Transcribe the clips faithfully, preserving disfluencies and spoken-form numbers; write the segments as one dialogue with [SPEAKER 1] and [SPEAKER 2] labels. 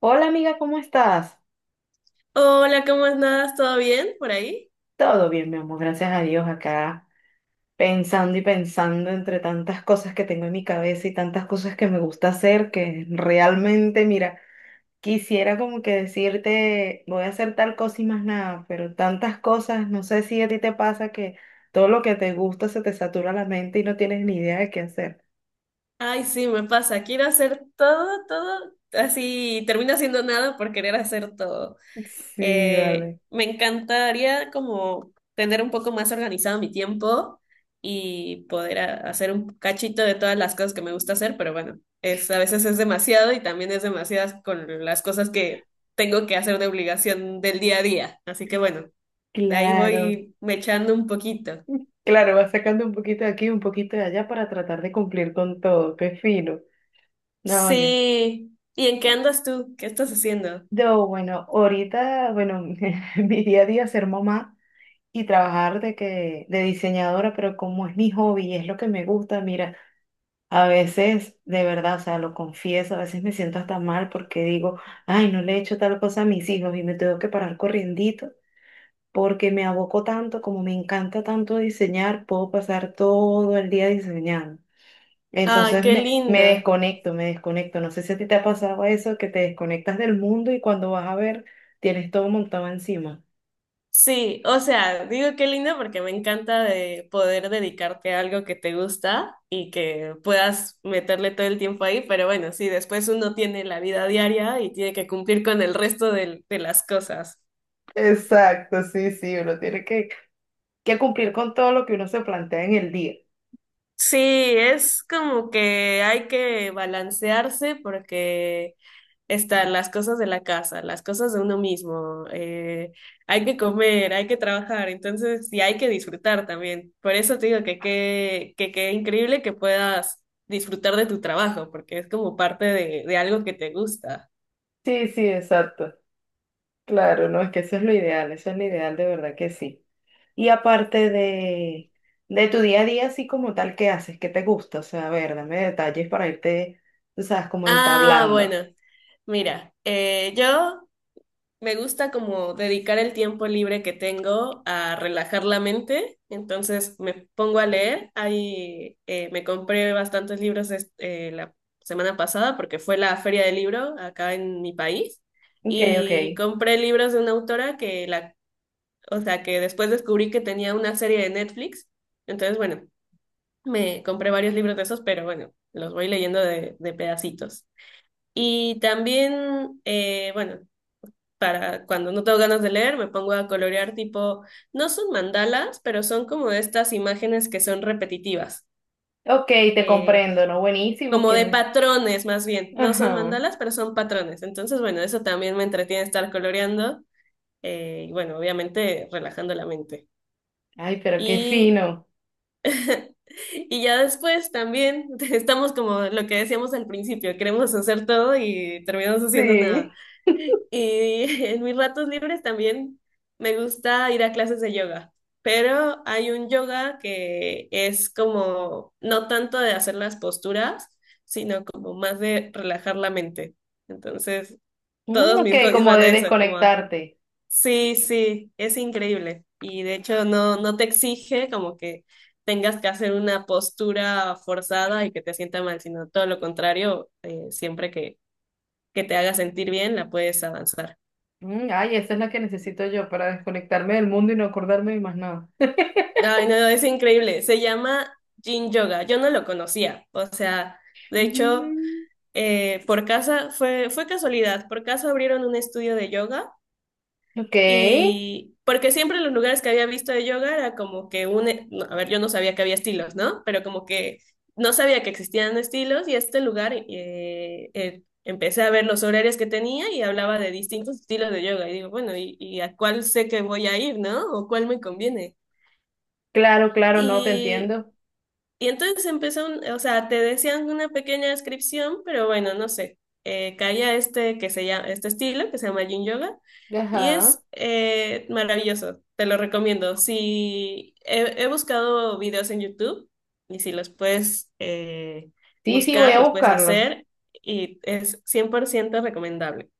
[SPEAKER 1] Hola amiga, ¿cómo estás?
[SPEAKER 2] Hola, ¿cómo andas? ¿Todo bien por ahí?
[SPEAKER 1] Todo bien, mi amor, gracias a Dios acá, pensando y pensando entre tantas cosas que tengo en mi cabeza y tantas cosas que me gusta hacer, que realmente, mira, quisiera como que decirte, voy a hacer tal cosa y más nada, pero tantas cosas, no sé si a ti te pasa que todo lo que te gusta se te satura la mente y no tienes ni idea de qué hacer.
[SPEAKER 2] Ay, sí, me pasa. Quiero hacer todo, todo, así termino haciendo nada por querer hacer todo.
[SPEAKER 1] Sí,
[SPEAKER 2] Eh,
[SPEAKER 1] vale.
[SPEAKER 2] me encantaría como tener un poco más organizado mi tiempo y poder a- hacer un cachito de todas las cosas que me gusta hacer, pero bueno, es, a veces es demasiado y también es demasiadas con las cosas que tengo que hacer de obligación del día a día. Así que bueno, de ahí
[SPEAKER 1] Claro,
[SPEAKER 2] voy me echando un poquito.
[SPEAKER 1] claro, vas sacando un poquito de aquí, un poquito de allá para tratar de cumplir con todo, qué fino. No, oye.
[SPEAKER 2] Sí. ¿Y en qué andas tú? ¿Qué estás haciendo?
[SPEAKER 1] Yo, bueno, ahorita, bueno, mi día a día es ser mamá y trabajar de que de diseñadora, pero como es mi hobby y es lo que me gusta, mira, a veces, de verdad, o sea, lo confieso, a veces me siento hasta mal porque digo, ay, no le he hecho tal cosa a mis hijos y me tengo que parar corriendito porque me aboco tanto, como me encanta tanto diseñar, puedo pasar todo el día diseñando.
[SPEAKER 2] Ay,
[SPEAKER 1] Entonces
[SPEAKER 2] qué
[SPEAKER 1] me, me
[SPEAKER 2] lindo.
[SPEAKER 1] desconecto, me desconecto. No sé si a ti te ha pasado eso, que te desconectas del mundo y cuando vas a ver, tienes todo montado encima.
[SPEAKER 2] Sí, o sea, digo qué lindo porque me encanta de poder dedicarte a algo que te gusta y que puedas meterle todo el tiempo ahí, pero bueno, sí, después uno tiene la vida diaria y tiene que cumplir con el resto del- de, las cosas.
[SPEAKER 1] Exacto, sí, sí, uno tiene que, Que cumplir con todo lo que uno se plantea en el día.
[SPEAKER 2] Sí, es como que hay que balancearse porque están las cosas de la casa, las cosas de uno mismo, eh, hay que comer, hay que trabajar, entonces, y hay que disfrutar también. Por eso te digo que qué que, qué increíble que puedas disfrutar de tu trabajo, porque es como parte de, de algo que te gusta.
[SPEAKER 1] Sí, sí, exacto. Claro, no, es que eso es lo ideal, eso es lo ideal, de verdad que sí. Y aparte de, de tu día a día, así como tal, ¿qué haces? ¿Qué te gusta? O sea, a ver, dame detalles para irte, tú sabes, como
[SPEAKER 2] Ah, bueno,
[SPEAKER 1] entablando.
[SPEAKER 2] mira, eh, yo Me gusta como dedicar el tiempo libre que tengo a relajar la mente, entonces me pongo a leer. Ahí eh, me compré bastantes libros es- eh, la semana pasada porque fue la feria del libro acá en mi país
[SPEAKER 1] Ok, ok.
[SPEAKER 2] y compré libros de una autora que la, o sea, que después descubrí que tenía una serie de Netflix. Entonces, bueno, me compré varios libros de esos, pero bueno, los voy leyendo de, de pedacitos. Y también, eh, bueno, para cuando no tengo ganas de leer, me pongo a colorear tipo, no son mandalas, pero son como estas imágenes que son repetitivas,
[SPEAKER 1] Ok, te
[SPEAKER 2] eh,
[SPEAKER 1] comprendo, ¿no? Buenísimo,
[SPEAKER 2] como
[SPEAKER 1] qué
[SPEAKER 2] de
[SPEAKER 1] re-
[SPEAKER 2] patrones más bien. No son
[SPEAKER 1] ajá.
[SPEAKER 2] mandalas, pero son patrones. Entonces, bueno, eso también me entretiene estar coloreando, eh, y bueno, obviamente relajando la mente.
[SPEAKER 1] Ay, pero qué
[SPEAKER 2] Y
[SPEAKER 1] fino.
[SPEAKER 2] Y ya después también estamos como lo que decíamos al principio, queremos hacer todo y terminamos haciendo nada.
[SPEAKER 1] Sí.
[SPEAKER 2] Y en mis ratos libres también me gusta ir a clases de yoga, pero hay un yoga que es como no tanto de hacer las posturas, sino como más de relajar la mente. Entonces,
[SPEAKER 1] Mm,
[SPEAKER 2] todos
[SPEAKER 1] ok,
[SPEAKER 2] mis hobbies
[SPEAKER 1] como
[SPEAKER 2] van a
[SPEAKER 1] de
[SPEAKER 2] eso, como a.
[SPEAKER 1] desconectarte.
[SPEAKER 2] Sí, sí, es increíble. Y de hecho no, no te exige como que tengas que hacer una postura forzada y que te sienta mal, sino todo lo contrario, eh, siempre que, que te haga sentir bien, la puedes avanzar.
[SPEAKER 1] Mm, ay, esa es la que necesito yo para desconectarme del mundo y no acordarme de más nada.
[SPEAKER 2] Ay, no, es increíble. Se llama Yin Yoga. Yo no lo conocía. O sea, de hecho,
[SPEAKER 1] Mm,
[SPEAKER 2] eh, por casa fue, fue casualidad. Por casa abrieron un estudio de yoga.
[SPEAKER 1] ok,
[SPEAKER 2] Y porque siempre en los lugares que había visto de yoga era como que un, e, no, a ver, yo no sabía que había estilos, ¿no? Pero como que no sabía que existían estilos y este lugar eh, eh, empecé a ver los horarios que tenía y hablaba de distintos estilos de yoga. Y digo, bueno, ¿y, y a cuál sé que voy a ir, ¿no? ¿O cuál me conviene?
[SPEAKER 1] claro, claro, no te
[SPEAKER 2] y
[SPEAKER 1] entiendo.
[SPEAKER 2] y entonces empezó, un- o sea, te decían una pequeña descripción, pero bueno, no sé. Eh, caía este que se llama, este estilo que se llama Yin Yoga y
[SPEAKER 1] Ajá.
[SPEAKER 2] es eh, maravilloso, te lo recomiendo. Si he, he buscado videos en YouTube y si los puedes eh,
[SPEAKER 1] Sí, sí, voy
[SPEAKER 2] buscar,
[SPEAKER 1] a
[SPEAKER 2] los puedes
[SPEAKER 1] buscarlos.
[SPEAKER 2] hacer y es cien por ciento recomendable.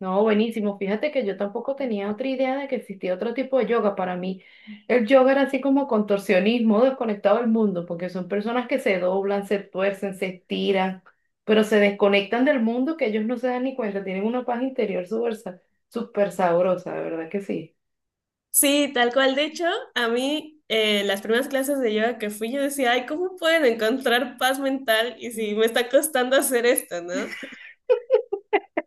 [SPEAKER 1] No, buenísimo. Fíjate que yo tampoco tenía otra idea de que existía otro tipo de yoga. Para mí, el yoga era así como contorsionismo, desconectado del mundo, porque son personas que se doblan, se tuercen, se estiran, pero se desconectan del mundo que ellos no se dan ni cuenta. Tienen una paz interior súper sa- súper sabrosa, de verdad que sí.
[SPEAKER 2] Sí, tal cual. De hecho, a mí eh, las primeras clases de yoga que fui, yo decía, ay, ¿cómo pueden encontrar paz mental? Y si
[SPEAKER 1] Mm,
[SPEAKER 2] me está costando hacer esto, ¿no?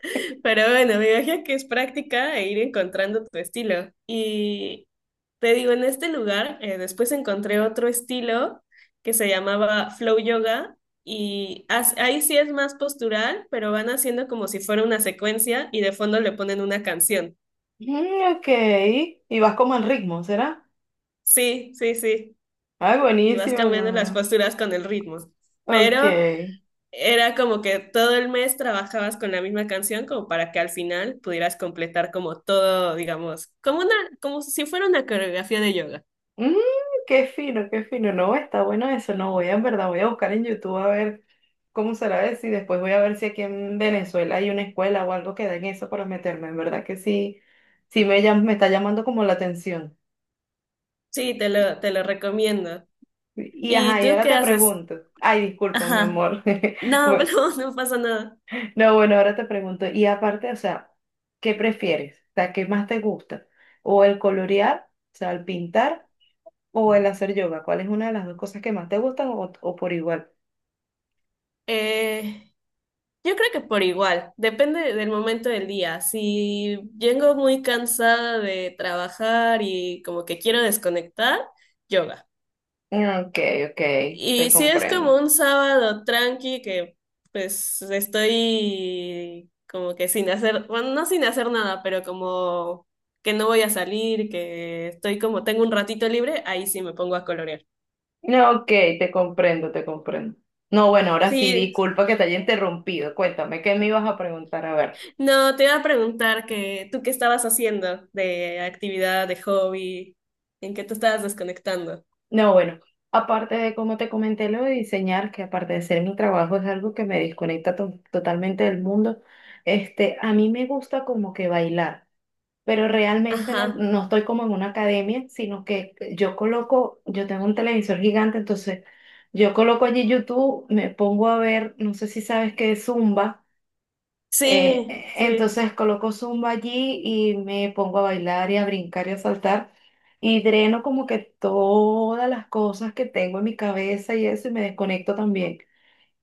[SPEAKER 2] Pero bueno, me imagino que es práctica e ir encontrando tu estilo. Y te digo, en este lugar, eh, después encontré otro estilo que se llamaba Flow Yoga. Y as- ahí sí es más postural, pero van haciendo como si fuera una secuencia y de fondo le ponen una canción.
[SPEAKER 1] ok. Y vas como en ritmo, ¿será?
[SPEAKER 2] Sí, sí, sí.
[SPEAKER 1] Ay,
[SPEAKER 2] Y vas
[SPEAKER 1] buenísimo,
[SPEAKER 2] cambiando las
[SPEAKER 1] ¿no?
[SPEAKER 2] posturas con el ritmo.
[SPEAKER 1] Ok.
[SPEAKER 2] Pero era como que todo el mes trabajabas con la misma canción como para que al final pudieras completar como todo, digamos, como una, como si fuera una coreografía de yoga.
[SPEAKER 1] Mm, qué fino, qué fino. No, está bueno eso. No, voy a, en verdad, voy a buscar en YouTube a ver cómo será eso y después voy a ver si aquí en Venezuela hay una escuela o algo que den eso para meterme. En verdad que sí, sí me, llam- me está llamando como la atención.
[SPEAKER 2] Sí, te lo, te lo recomiendo.
[SPEAKER 1] Y
[SPEAKER 2] ¿Y
[SPEAKER 1] ajá, y
[SPEAKER 2] tú
[SPEAKER 1] ahora
[SPEAKER 2] qué
[SPEAKER 1] te
[SPEAKER 2] haces?
[SPEAKER 1] pregunto. Ay, disculpa, mi
[SPEAKER 2] Ajá.
[SPEAKER 1] amor.
[SPEAKER 2] No,
[SPEAKER 1] Bueno,
[SPEAKER 2] no, no pasa nada.
[SPEAKER 1] no, bueno, ahora te pregunto. Y aparte, o sea, ¿qué prefieres? O sea, ¿qué más te gusta? ¿O el colorear, o sea, el pintar o el hacer yoga? ¿Cuál es una de las dos cosas que más te gustan o o por igual?
[SPEAKER 2] Eh, yo creo que por igual, depende del momento del día. Si vengo muy cansada de trabajar y como que quiero desconectar, yoga.
[SPEAKER 1] Ok, ok, te
[SPEAKER 2] Y si es
[SPEAKER 1] comprendo.
[SPEAKER 2] como un sábado tranqui que pues estoy como que sin hacer, bueno, no sin hacer nada, pero como que no voy a salir, que estoy como tengo un ratito libre, ahí sí me pongo a colorear.
[SPEAKER 1] No, ok, te comprendo, te comprendo. No, bueno, ahora sí,
[SPEAKER 2] Sí,
[SPEAKER 1] disculpa que te haya interrumpido. Cuéntame, ¿qué me ibas a preguntar? A ver.
[SPEAKER 2] no, te iba a preguntar que tú qué estabas haciendo de actividad, de hobby, en qué te estabas desconectando.
[SPEAKER 1] No, bueno, aparte de como te comenté lo de diseñar, que aparte de ser mi trabajo es algo que me desconecta to- totalmente del mundo, este, a mí me gusta como que bailar. Pero realmente no,
[SPEAKER 2] Ajá,
[SPEAKER 1] no estoy como en una academia, sino que yo coloco, yo tengo un televisor gigante, entonces yo coloco allí YouTube, me pongo a ver, no sé si sabes qué es Zumba, eh, eh,
[SPEAKER 2] sí, sí.
[SPEAKER 1] entonces coloco Zumba allí y me pongo a bailar y a brincar y a saltar y dreno como que todas las cosas que tengo en mi cabeza y eso y me desconecto también.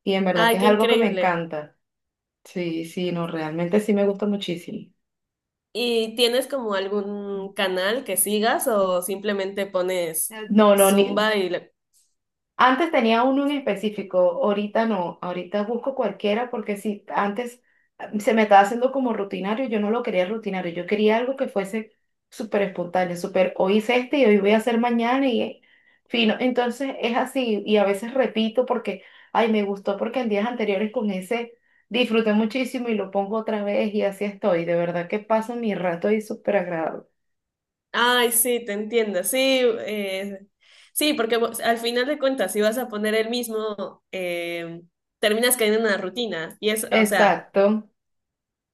[SPEAKER 1] Y en verdad que
[SPEAKER 2] Ay,
[SPEAKER 1] es
[SPEAKER 2] qué
[SPEAKER 1] algo que me
[SPEAKER 2] increíble.
[SPEAKER 1] encanta. Sí, sí, no, realmente sí me gusta muchísimo.
[SPEAKER 2] ¿Y tienes como algún canal que sigas o simplemente pones
[SPEAKER 1] No, no, ni
[SPEAKER 2] Zumba y... le-
[SPEAKER 1] antes tenía uno en específico, ahorita no, ahorita busco cualquiera porque si antes ah, se me estaba haciendo como rutinario, yo no lo quería rutinario, yo quería algo que fuese súper espontáneo, súper, hoy hice este y hoy voy a hacer mañana y eh, fino. Entonces es así y a veces repito porque, ay, me gustó porque en días anteriores con ese disfruté muchísimo y lo pongo otra vez y así estoy, de verdad que paso mi rato y súper agradable.
[SPEAKER 2] Ay, sí, te entiendo. Sí, eh, sí, porque vos- al final de cuentas, si vas a poner el mismo, eh, terminas cayendo en una rutina. Y es, o sea,
[SPEAKER 1] Exacto.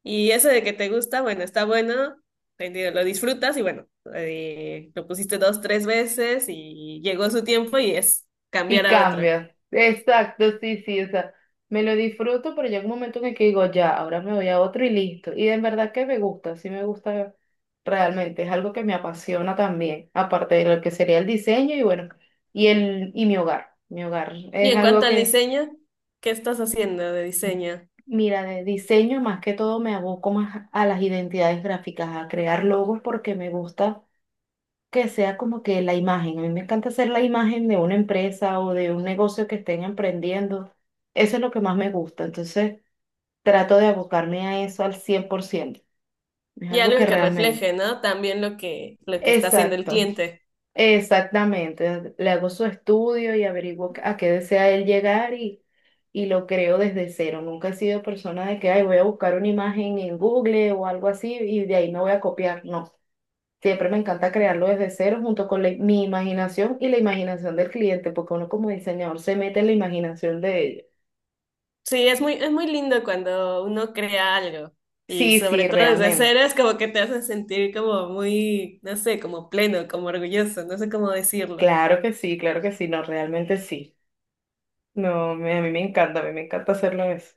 [SPEAKER 2] y eso de que te gusta, bueno, está bueno, te entiendo, lo disfrutas y bueno, eh, lo pusiste dos, tres veces y llegó su tiempo y es
[SPEAKER 1] Y
[SPEAKER 2] cambiar a otro.
[SPEAKER 1] cambia. Exacto, sí, sí. O sea, me lo disfruto, pero llega un momento en el que digo, ya, ahora me voy a otro y listo. Y en verdad que me gusta, sí me gusta realmente. Es algo que me apasiona también, aparte de lo que sería el diseño y bueno, y el, y mi hogar. Mi hogar
[SPEAKER 2] Y
[SPEAKER 1] es
[SPEAKER 2] en cuanto
[SPEAKER 1] algo
[SPEAKER 2] al
[SPEAKER 1] que,
[SPEAKER 2] diseño, ¿qué estás haciendo de diseño?
[SPEAKER 1] mira, de diseño más que todo me aboco más a las identidades gráficas, a crear logos porque me gusta que sea como que la imagen. A mí me encanta hacer la imagen de una empresa o de un negocio que estén emprendiendo. Eso es lo que más me gusta. Entonces, trato de abocarme a eso al cien por ciento. Es
[SPEAKER 2] Y
[SPEAKER 1] algo que
[SPEAKER 2] algo que
[SPEAKER 1] realmente.
[SPEAKER 2] refleje, ¿no? También lo que, lo que está haciendo el
[SPEAKER 1] Exacto,
[SPEAKER 2] cliente.
[SPEAKER 1] exactamente. Le hago su estudio y averiguo a qué desea él llegar y, y lo creo desde cero. Nunca he sido persona de que, ay, voy a buscar una imagen en Google o algo así y de ahí me voy a copiar. No. Siempre me encanta crearlo desde cero junto con la- mi imaginación y la imaginación del cliente, porque uno como diseñador se mete en la imaginación de ellos.
[SPEAKER 2] Sí, es muy, es muy lindo cuando uno crea algo. Y
[SPEAKER 1] Sí,
[SPEAKER 2] sobre
[SPEAKER 1] sí,
[SPEAKER 2] todo desde
[SPEAKER 1] realmente.
[SPEAKER 2] cero es como que te hace sentir como muy, no sé, como pleno, como orgulloso, no sé cómo decirlo.
[SPEAKER 1] Claro que sí, claro que sí, no, realmente sí. No, me- a mí me encanta, a mí me encanta hacerlo eso.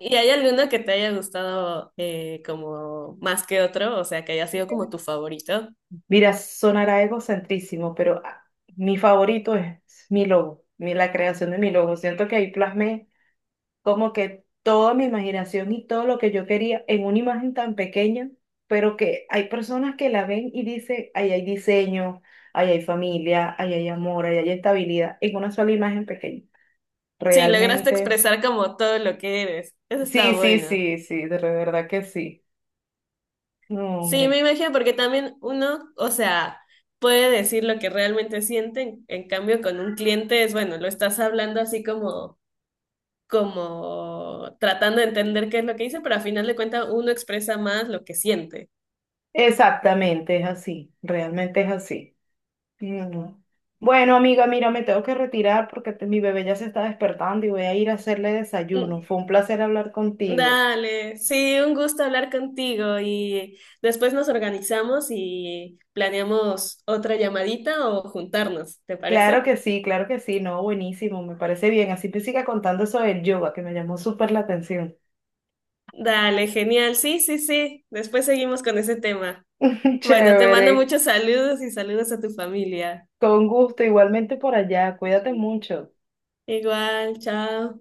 [SPEAKER 2] ¿Y hay alguno que te haya gustado eh, como más que otro? O sea, que haya sido como tu favorito.
[SPEAKER 1] Mira, sonará egocentrísimo, pero ah, mi favorito es mi logo, mi- la creación de mi logo. Siento que ahí plasmé como que toda mi imaginación y todo lo que yo quería en una imagen tan pequeña, pero que hay personas que la ven y dicen, ahí hay diseño, ahí hay familia, ahí hay amor, ahí hay estabilidad, en una sola imagen pequeña.
[SPEAKER 2] Sí, lograste
[SPEAKER 1] Realmente,
[SPEAKER 2] expresar como todo lo que eres. Eso está
[SPEAKER 1] sí, sí,
[SPEAKER 2] bueno.
[SPEAKER 1] sí, sí, de verdad que sí. No,
[SPEAKER 2] Sí, me
[SPEAKER 1] hombre,
[SPEAKER 2] imagino, porque también uno, o sea, puede decir lo que realmente siente, en, en cambio con un cliente es, bueno, lo estás hablando así como, como tratando de entender qué es lo que dice, pero a final de cuentas uno expresa más lo que siente.
[SPEAKER 1] exactamente es así, realmente es así. Mm. Bueno, amiga, mira, me tengo que retirar porque te- mi bebé ya se está despertando y voy a ir a hacerle desayuno.
[SPEAKER 2] Mm.
[SPEAKER 1] Fue un placer hablar contigo.
[SPEAKER 2] Dale, sí, un gusto hablar contigo y después nos organizamos y planeamos otra llamadita o juntarnos, ¿te
[SPEAKER 1] Claro
[SPEAKER 2] parece?
[SPEAKER 1] que sí, claro que sí, no, buenísimo, me parece bien. Así te siga contando eso del yoga, que me llamó súper la atención.
[SPEAKER 2] Dale, genial, sí, sí, sí, después seguimos con ese tema. Bueno, te mando
[SPEAKER 1] Chévere,
[SPEAKER 2] muchos saludos y saludos a tu familia.
[SPEAKER 1] con gusto, igualmente por allá, cuídate mucho.
[SPEAKER 2] Igual, chao.